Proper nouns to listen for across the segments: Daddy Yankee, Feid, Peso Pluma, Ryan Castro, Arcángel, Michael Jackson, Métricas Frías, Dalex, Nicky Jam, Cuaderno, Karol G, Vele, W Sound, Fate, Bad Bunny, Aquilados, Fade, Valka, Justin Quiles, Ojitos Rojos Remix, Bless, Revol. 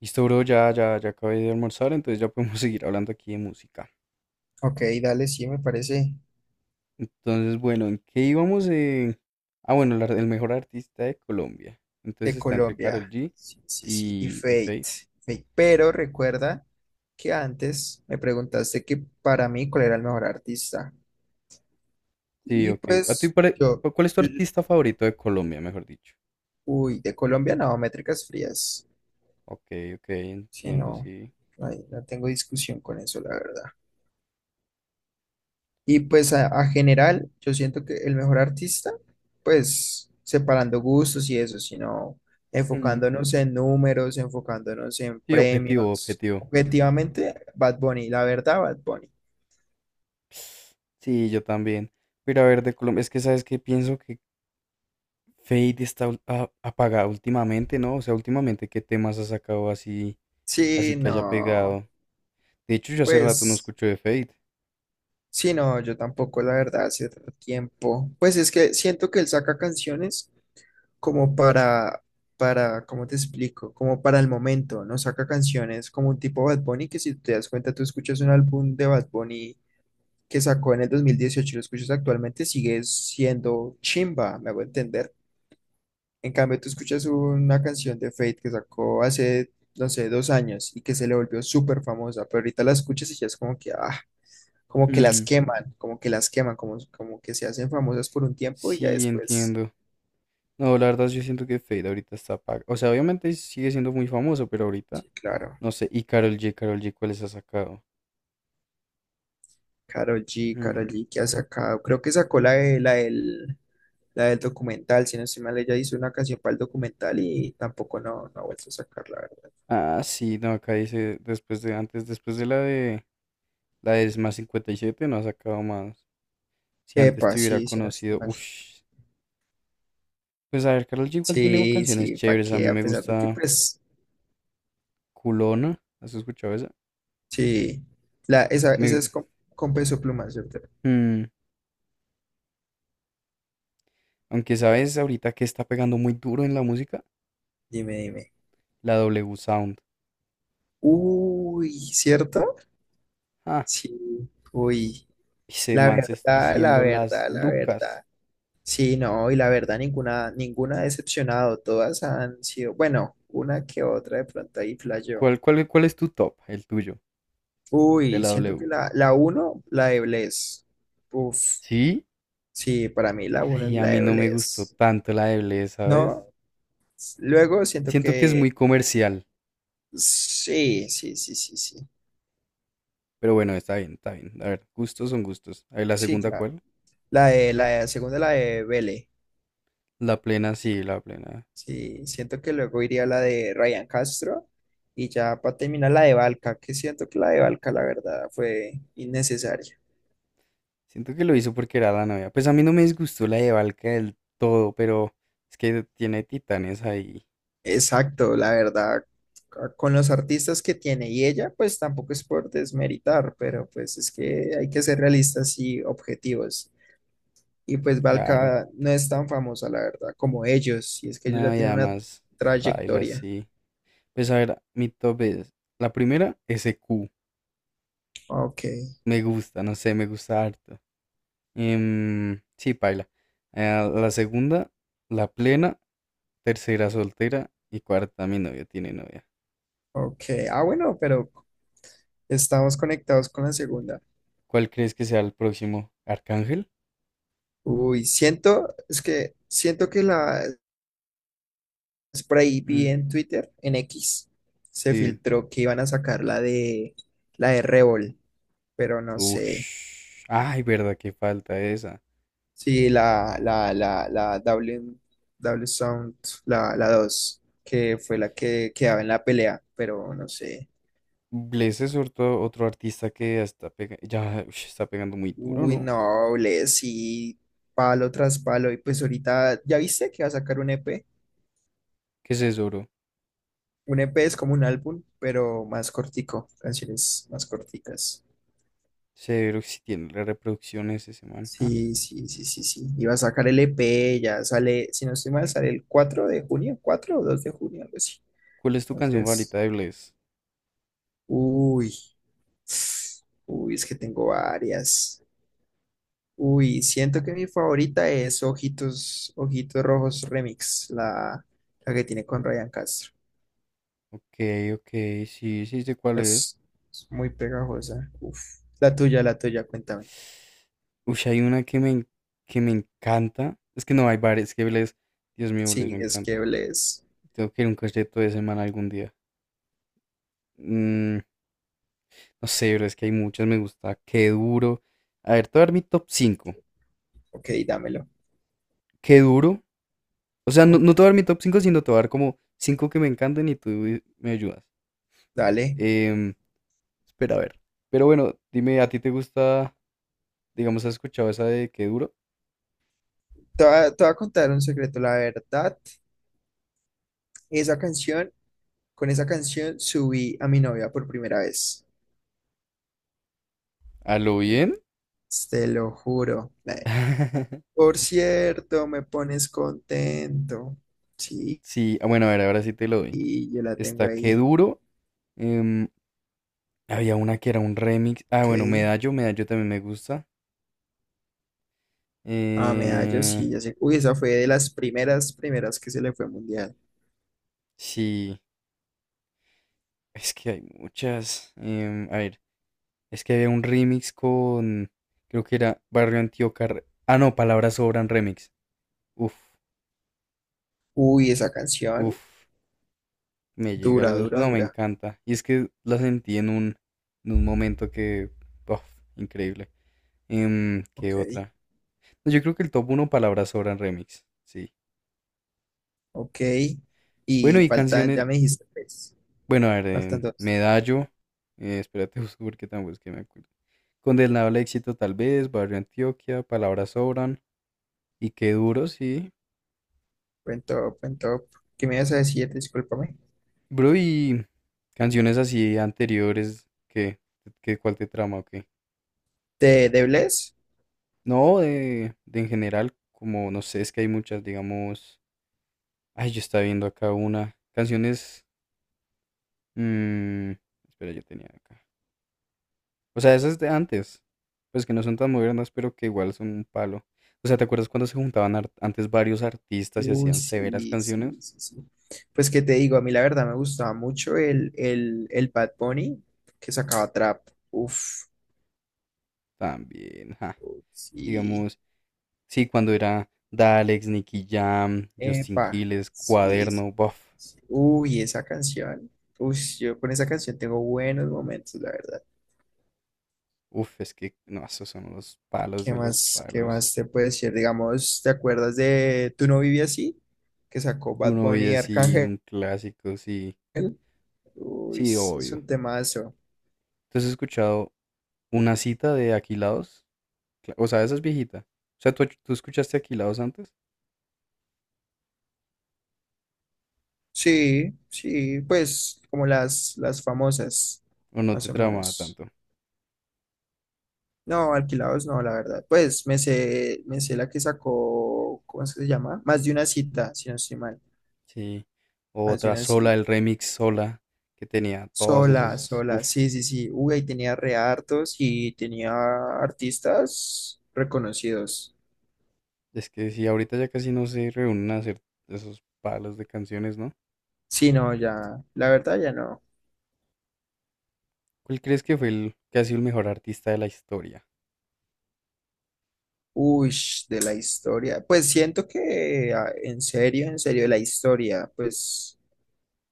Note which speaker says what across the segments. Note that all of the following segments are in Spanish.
Speaker 1: Listo, bro, ya, ya, ya acabé de almorzar, entonces ya podemos seguir hablando aquí de música.
Speaker 2: Ok, dale, sí, me parece
Speaker 1: Entonces, bueno, ¿en qué íbamos? Ah, bueno, el mejor artista de Colombia. Entonces
Speaker 2: de
Speaker 1: está entre Karol
Speaker 2: Colombia.
Speaker 1: G
Speaker 2: Sí, sí, sí. Y
Speaker 1: y
Speaker 2: Fate.
Speaker 1: Feid.
Speaker 2: Fate. Pero recuerda que antes me preguntaste que para mí cuál era el mejor artista.
Speaker 1: Sí,
Speaker 2: Y
Speaker 1: ok. ¿A ti
Speaker 2: pues yo,
Speaker 1: cuál es tu
Speaker 2: yo- yo-
Speaker 1: artista favorito de Colombia, mejor dicho?
Speaker 2: uy, de Colombia no, Métricas Frías.
Speaker 1: Ok, ok,
Speaker 2: Sí,
Speaker 1: entiendo,
Speaker 2: no,
Speaker 1: sí.
Speaker 2: no tengo discusión con eso, la verdad. Y pues a general, yo siento que el mejor artista, pues separando gustos y eso, sino
Speaker 1: Mm,
Speaker 2: enfocándonos en números, enfocándonos en
Speaker 1: sí, objetivo,
Speaker 2: premios.
Speaker 1: objetivo.
Speaker 2: Objetivamente, Bad Bunny, la verdad, Bad Bunny.
Speaker 1: Sí, yo también. Pero a ver, de Colombia, es que sabes que pienso que Fade está apagado últimamente, ¿no? O sea, últimamente, ¿qué temas ha sacado así? Así
Speaker 2: Sí,
Speaker 1: que haya
Speaker 2: no,
Speaker 1: pegado. De hecho, yo hace rato no
Speaker 2: pues
Speaker 1: escucho de Fade.
Speaker 2: sí, no, yo tampoco, la verdad, hace otro tiempo. Pues es que siento que él saca canciones como para, ¿cómo te explico? Como para el momento, no saca canciones como un tipo Bad Bunny, que si te das cuenta, tú escuchas un álbum de Bad Bunny que sacó en el 2018 y lo escuchas actualmente, sigue siendo chimba, me hago entender. En cambio, tú escuchas una canción de Fate que sacó hace, no sé, dos años y que se le volvió súper famosa, pero ahorita la escuchas y ya es como que, ah, como que las
Speaker 1: Hmm,
Speaker 2: queman, como que las queman, como que se hacen famosas por un tiempo y ya
Speaker 1: sí,
Speaker 2: después,
Speaker 1: entiendo. No, la verdad, yo siento que Fade ahorita está apagado. O sea, obviamente sigue siendo muy famoso, pero ahorita
Speaker 2: sí, claro.
Speaker 1: no sé. Y Karol G, Karol G, ¿cuáles ha sacado?
Speaker 2: Karol G, Karol
Speaker 1: Hmm,
Speaker 2: G que ha sacado, creo que sacó la del documental, si no estoy mal, ella hizo una canción para el documental y tampoco no, no ha vuelto a sacarla.
Speaker 1: ah, sí, no, acá dice después de antes, después de la de la de Más 57, no ha sacado más. Si antes
Speaker 2: Epa,
Speaker 1: te hubiera
Speaker 2: sí, sí, no estoy
Speaker 1: conocido,
Speaker 2: mal.
Speaker 1: uff. Pues a ver, Karol G igual tiene
Speaker 2: Sí,
Speaker 1: canciones
Speaker 2: sí, pa'
Speaker 1: chéveres. A
Speaker 2: qué,
Speaker 1: mí
Speaker 2: a
Speaker 1: me
Speaker 2: pesar de que,
Speaker 1: gusta
Speaker 2: pues,
Speaker 1: Culona. ¿Has escuchado esa?
Speaker 2: sí, esa
Speaker 1: Me,
Speaker 2: es con peso pluma, ¿cierto?
Speaker 1: mm, Aunque sabes ahorita que está pegando muy duro en la música,
Speaker 2: Dime, dime.
Speaker 1: la W Sound.
Speaker 2: Uy, ¿cierto?
Speaker 1: Ah,
Speaker 2: Sí, uy,
Speaker 1: ese
Speaker 2: la
Speaker 1: man se está
Speaker 2: verdad, la
Speaker 1: haciendo las
Speaker 2: verdad, la
Speaker 1: lucas.
Speaker 2: verdad. Sí, no, y la verdad, ninguna, ninguna ha decepcionado, todas han sido, bueno, una que otra de pronto ahí flasheó.
Speaker 1: ¿Cuál, cuál, cuál es tu top? El tuyo, de
Speaker 2: Uy,
Speaker 1: la
Speaker 2: siento que
Speaker 1: W.
Speaker 2: la uno, la de Bless. Uf,
Speaker 1: ¿Sí?
Speaker 2: sí, para mí la uno es
Speaker 1: Ay, a
Speaker 2: la
Speaker 1: mí
Speaker 2: de
Speaker 1: no me gustó
Speaker 2: Bless.
Speaker 1: tanto la de Bless, ¿sabes?
Speaker 2: ¿No? Luego siento
Speaker 1: Siento que es
Speaker 2: que
Speaker 1: muy comercial,
Speaker 2: sí, sí, sí, sí, sí.
Speaker 1: pero bueno, está bien, está bien. A ver, gustos son gustos. A ver, la
Speaker 2: Sí,
Speaker 1: segunda,
Speaker 2: claro.
Speaker 1: ¿cuál?
Speaker 2: Segunda, la de Vele.
Speaker 1: La plena, sí, la plena.
Speaker 2: Sí, siento que luego iría la de Ryan Castro y ya para terminar la de Valka, que siento que la de Valka, la verdad, fue innecesaria.
Speaker 1: Siento que lo hizo porque era la novia. Pues a mí no me disgustó la de Valka del todo, pero es que tiene titanes ahí,
Speaker 2: Exacto, la verdad, c- con los artistas que tiene y ella, pues tampoco es por desmeritar, pero pues es que hay que ser realistas y objetivos. Y pues
Speaker 1: claro.
Speaker 2: Valka no es tan famosa, la verdad, como ellos. Y es que ellos ya
Speaker 1: No, y
Speaker 2: tienen una
Speaker 1: además, baila,
Speaker 2: trayectoria.
Speaker 1: sí. Pues a ver, mi top es. La primera, S q.
Speaker 2: Ok,
Speaker 1: Me gusta, no sé, me gusta harto. Sí, paila. La segunda, la plena. Tercera, soltera. Y cuarta, mi novio tiene novia.
Speaker 2: ok. Ah, bueno, pero estamos conectados con la segunda.
Speaker 1: ¿Cuál crees que sea el próximo? ¿Arcángel?
Speaker 2: Uy, siento, es que siento que la Spray vi
Speaker 1: Mm,
Speaker 2: en Twitter, en X, se
Speaker 1: sí.
Speaker 2: filtró que iban a sacar la de Revol, pero no sé.
Speaker 1: Ush. Ay, verdad, que falta esa.
Speaker 2: Sí, la W, W Sound, la 2 que fue la que quedaba en la pelea, pero no sé.
Speaker 1: Bless es otro, otro artista que ya está, ya, ush, está pegando muy duro,
Speaker 2: Uy,
Speaker 1: ¿no?
Speaker 2: no, sí, palo tras palo. Y pues ahorita, ¿ya viste que va a sacar un EP?
Speaker 1: ¿Qué es eso, bro?
Speaker 2: Un EP es como un álbum, pero más cortico, canciones más corticas.
Speaker 1: Severo que si tiene las reproducciones ese man. Ah,
Speaker 2: Sí, sí, sí, sí, sí. Y va a sacar el EP, ya sale, si no estoy mal, sale el 4 de junio, 4 o 2 de junio, algo así.
Speaker 1: ¿cuál es tu canción favorita
Speaker 2: Entonces,
Speaker 1: de Bless?
Speaker 2: uy, uy, es que tengo varias. Uy, siento que mi favorita es Ojitos, Ojitos Rojos Remix, la que tiene con Ryan Castro.
Speaker 1: Ok, ok, sí, sí sé cuál es.
Speaker 2: Es, es muy pegajosa. Uf. La tuya, cuéntame.
Speaker 1: Uy, hay una que me encanta. Es que no hay varias, es que Bless, Dios mío,
Speaker 2: Sí,
Speaker 1: Bless me
Speaker 2: es que
Speaker 1: encanta.
Speaker 2: es.
Speaker 1: Tengo que ir a un concierto de semana algún día. Mm, no sé, pero es que hay muchas, me gusta. Qué duro. A ver, te voy a dar mi top cinco.
Speaker 2: Ok, dámelo.
Speaker 1: Qué duro. O sea, no,
Speaker 2: Ok,
Speaker 1: no te voy a dar mi top 5 sino te voy a dar como 5 que me encantan y tú me ayudas.
Speaker 2: dale.
Speaker 1: Em, Espera a ver. Pero bueno, dime, ¿a ti te gusta, digamos, has escuchado esa de Qué duro?
Speaker 2: Te voy a contar un secreto. La verdad, esa canción, con esa canción subí a mi novia por primera vez.
Speaker 1: ¿A lo bien?
Speaker 2: Te lo juro. Por cierto, me pones contento. Sí,
Speaker 1: Sí, ah, bueno, a ver, ahora sí te lo doy.
Speaker 2: y yo la tengo
Speaker 1: Está Qué
Speaker 2: ahí.
Speaker 1: duro. em, había una que era un remix. Ah,
Speaker 2: Ok.
Speaker 1: bueno, Medallo, Medallo también me gusta.
Speaker 2: Ah, medallo,
Speaker 1: Eh,
Speaker 2: sí, ya sé. Uy, esa fue de las primeras, primeras que se le fue mundial.
Speaker 1: sí, es que hay muchas. A ver, es que había un remix con, creo que era Barrio Antioquia. Ah, no, Palabras Sobran Remix. Uf,
Speaker 2: Uy, esa canción.
Speaker 1: uf. Me llega
Speaker 2: Dura,
Speaker 1: el...
Speaker 2: dura,
Speaker 1: No, me
Speaker 2: dura.
Speaker 1: encanta. Y es que la sentí en un momento que... uf, increíble. ¿Qué
Speaker 2: Ok,
Speaker 1: otra? Yo creo que el top uno palabras sobran remix. Sí.
Speaker 2: ok.
Speaker 1: Bueno,
Speaker 2: Y
Speaker 1: y
Speaker 2: faltan, ya
Speaker 1: canciones...
Speaker 2: me dijiste tres.
Speaker 1: Bueno, a ver,
Speaker 2: Faltan dos.
Speaker 1: Medallo. Espérate, busco porque tampoco es que me acuerdo. Condenado al éxito tal vez, Barrio Antioquia, Palabras sobran. Y qué duro, sí.
Speaker 2: Buen top, buen top. ¿Qué me ibas a decir? Discúlpame.
Speaker 1: Bro, y canciones así anteriores, ¿qué? ¿Qué cuál te trama o qué?
Speaker 2: De Bless?
Speaker 1: No, de en general, como no sé, es que hay muchas, digamos. Ay, yo estaba viendo acá una. Canciones. mm, espera, yo tenía acá. O sea, esas de antes. Pues que no son tan modernas, pero que igual son un palo. O sea, ¿te acuerdas cuando se juntaban antes varios artistas y
Speaker 2: Uy,
Speaker 1: hacían severas
Speaker 2: sí, sí,
Speaker 1: canciones?
Speaker 2: sí, sí. Pues que te digo, a mí la verdad me gustaba mucho el Bad Bunny que sacaba trap. Uf,
Speaker 1: También, ja.
Speaker 2: sí.
Speaker 1: Digamos, sí, cuando era Dalex, Nicky Jam, Justin
Speaker 2: Epa,
Speaker 1: Quiles,
Speaker 2: sí, sí.
Speaker 1: Cuaderno, Buff.
Speaker 2: Sí. Uy, esa canción. Uy, yo con esa canción tengo buenos momentos, la verdad.
Speaker 1: Uf, es que no, esos son los palos de los
Speaker 2: Qué
Speaker 1: palos.
Speaker 2: más te puedo decir? Digamos, ¿te acuerdas de Tú no vivías así? Que sacó
Speaker 1: Que
Speaker 2: Bad
Speaker 1: uno
Speaker 2: Bunny
Speaker 1: veía
Speaker 2: y
Speaker 1: así,
Speaker 2: Arcángel.
Speaker 1: un clásico, sí,
Speaker 2: Uy,
Speaker 1: sí,
Speaker 2: es
Speaker 1: obvio.
Speaker 2: un temazo.
Speaker 1: Entonces he escuchado una cita de Aquilados, o sea, esa es viejita. O sea, tú escuchaste Aquilados antes?
Speaker 2: Sí, sí, pues como las famosas,
Speaker 1: ¿O no
Speaker 2: más
Speaker 1: te
Speaker 2: o
Speaker 1: tramaba
Speaker 2: menos.
Speaker 1: tanto?
Speaker 2: No, alquilados no, la verdad. Pues me sé la que sacó, ¿cómo es que se llama? Más de una cita, si no estoy mal.
Speaker 1: Sí. O
Speaker 2: Más de
Speaker 1: Otra
Speaker 2: una
Speaker 1: sola,
Speaker 2: cita.
Speaker 1: el remix sola, que tenía todos
Speaker 2: Sola,
Speaker 1: esos,
Speaker 2: sola,
Speaker 1: uf,
Speaker 2: sí, sí, sí. Uy, ahí tenía re hartos y tenía artistas reconocidos.
Speaker 1: es que sí, ahorita ya casi no se reúnen a hacer esos palos de canciones, ¿no?
Speaker 2: Sí, no, ya, la verdad ya no.
Speaker 1: ¿Cuál crees que fue el que ha sido el mejor artista de la historia?
Speaker 2: Uy, de la historia. Pues siento que ah, en serio, de la historia, pues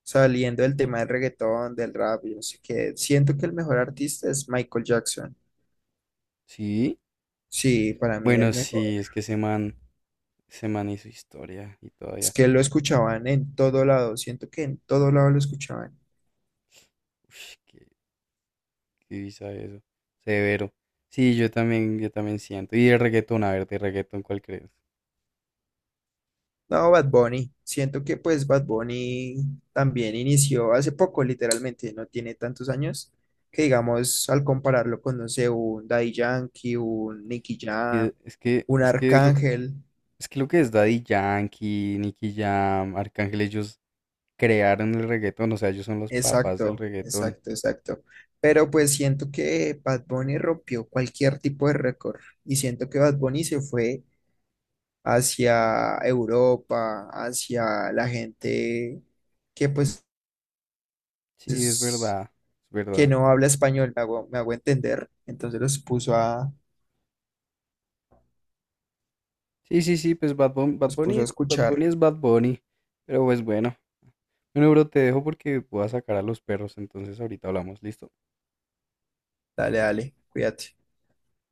Speaker 2: saliendo del tema del reggaetón, del rap, yo sé que siento que el mejor artista es Michael Jackson.
Speaker 1: Sí.
Speaker 2: Sí, para mí
Speaker 1: Bueno,
Speaker 2: el mejor.
Speaker 1: sí, es que ese man hizo historia y
Speaker 2: Es
Speaker 1: todavía.
Speaker 2: que lo escuchaban en todo lado, siento que en todo lado lo escuchaban.
Speaker 1: Ush, qué. Sí, sabe eso. Severo. Sí, yo también siento. Y el reggaetón, a ver, de reggaetón, ¿cuál crees?
Speaker 2: No, Bad Bunny. Siento que pues Bad Bunny también inició hace poco, literalmente, no tiene tantos años, que digamos, al compararlo con, no sé, un Daddy Yankee, un Nicky Jam,
Speaker 1: Y Es que,
Speaker 2: un
Speaker 1: es que es lo que,
Speaker 2: Arcángel.
Speaker 1: es que lo que es Daddy Yankee, Nicky Jam, Arcángel, ellos crearon el reggaetón, o sea, ellos son los papás del
Speaker 2: Exacto,
Speaker 1: reggaetón.
Speaker 2: exacto, exacto. Pero pues siento que Bad Bunny rompió cualquier tipo de récord y siento que Bad Bunny se fue hacia Europa, hacia la gente que pues
Speaker 1: Sí, es
Speaker 2: es
Speaker 1: verdad, es
Speaker 2: que
Speaker 1: verdad.
Speaker 2: no habla español, me hago entender. Entonces
Speaker 1: Sí, sí, sí, pues Bad Bunny, Bad
Speaker 2: los puso a
Speaker 1: Bunny, Bad
Speaker 2: escuchar.
Speaker 1: Bunny es Bad Bunny. Pero pues bueno. Bueno, bro, te dejo porque voy a sacar a los perros, entonces ahorita hablamos, ¿listo?
Speaker 2: Dale, dale, cuídate.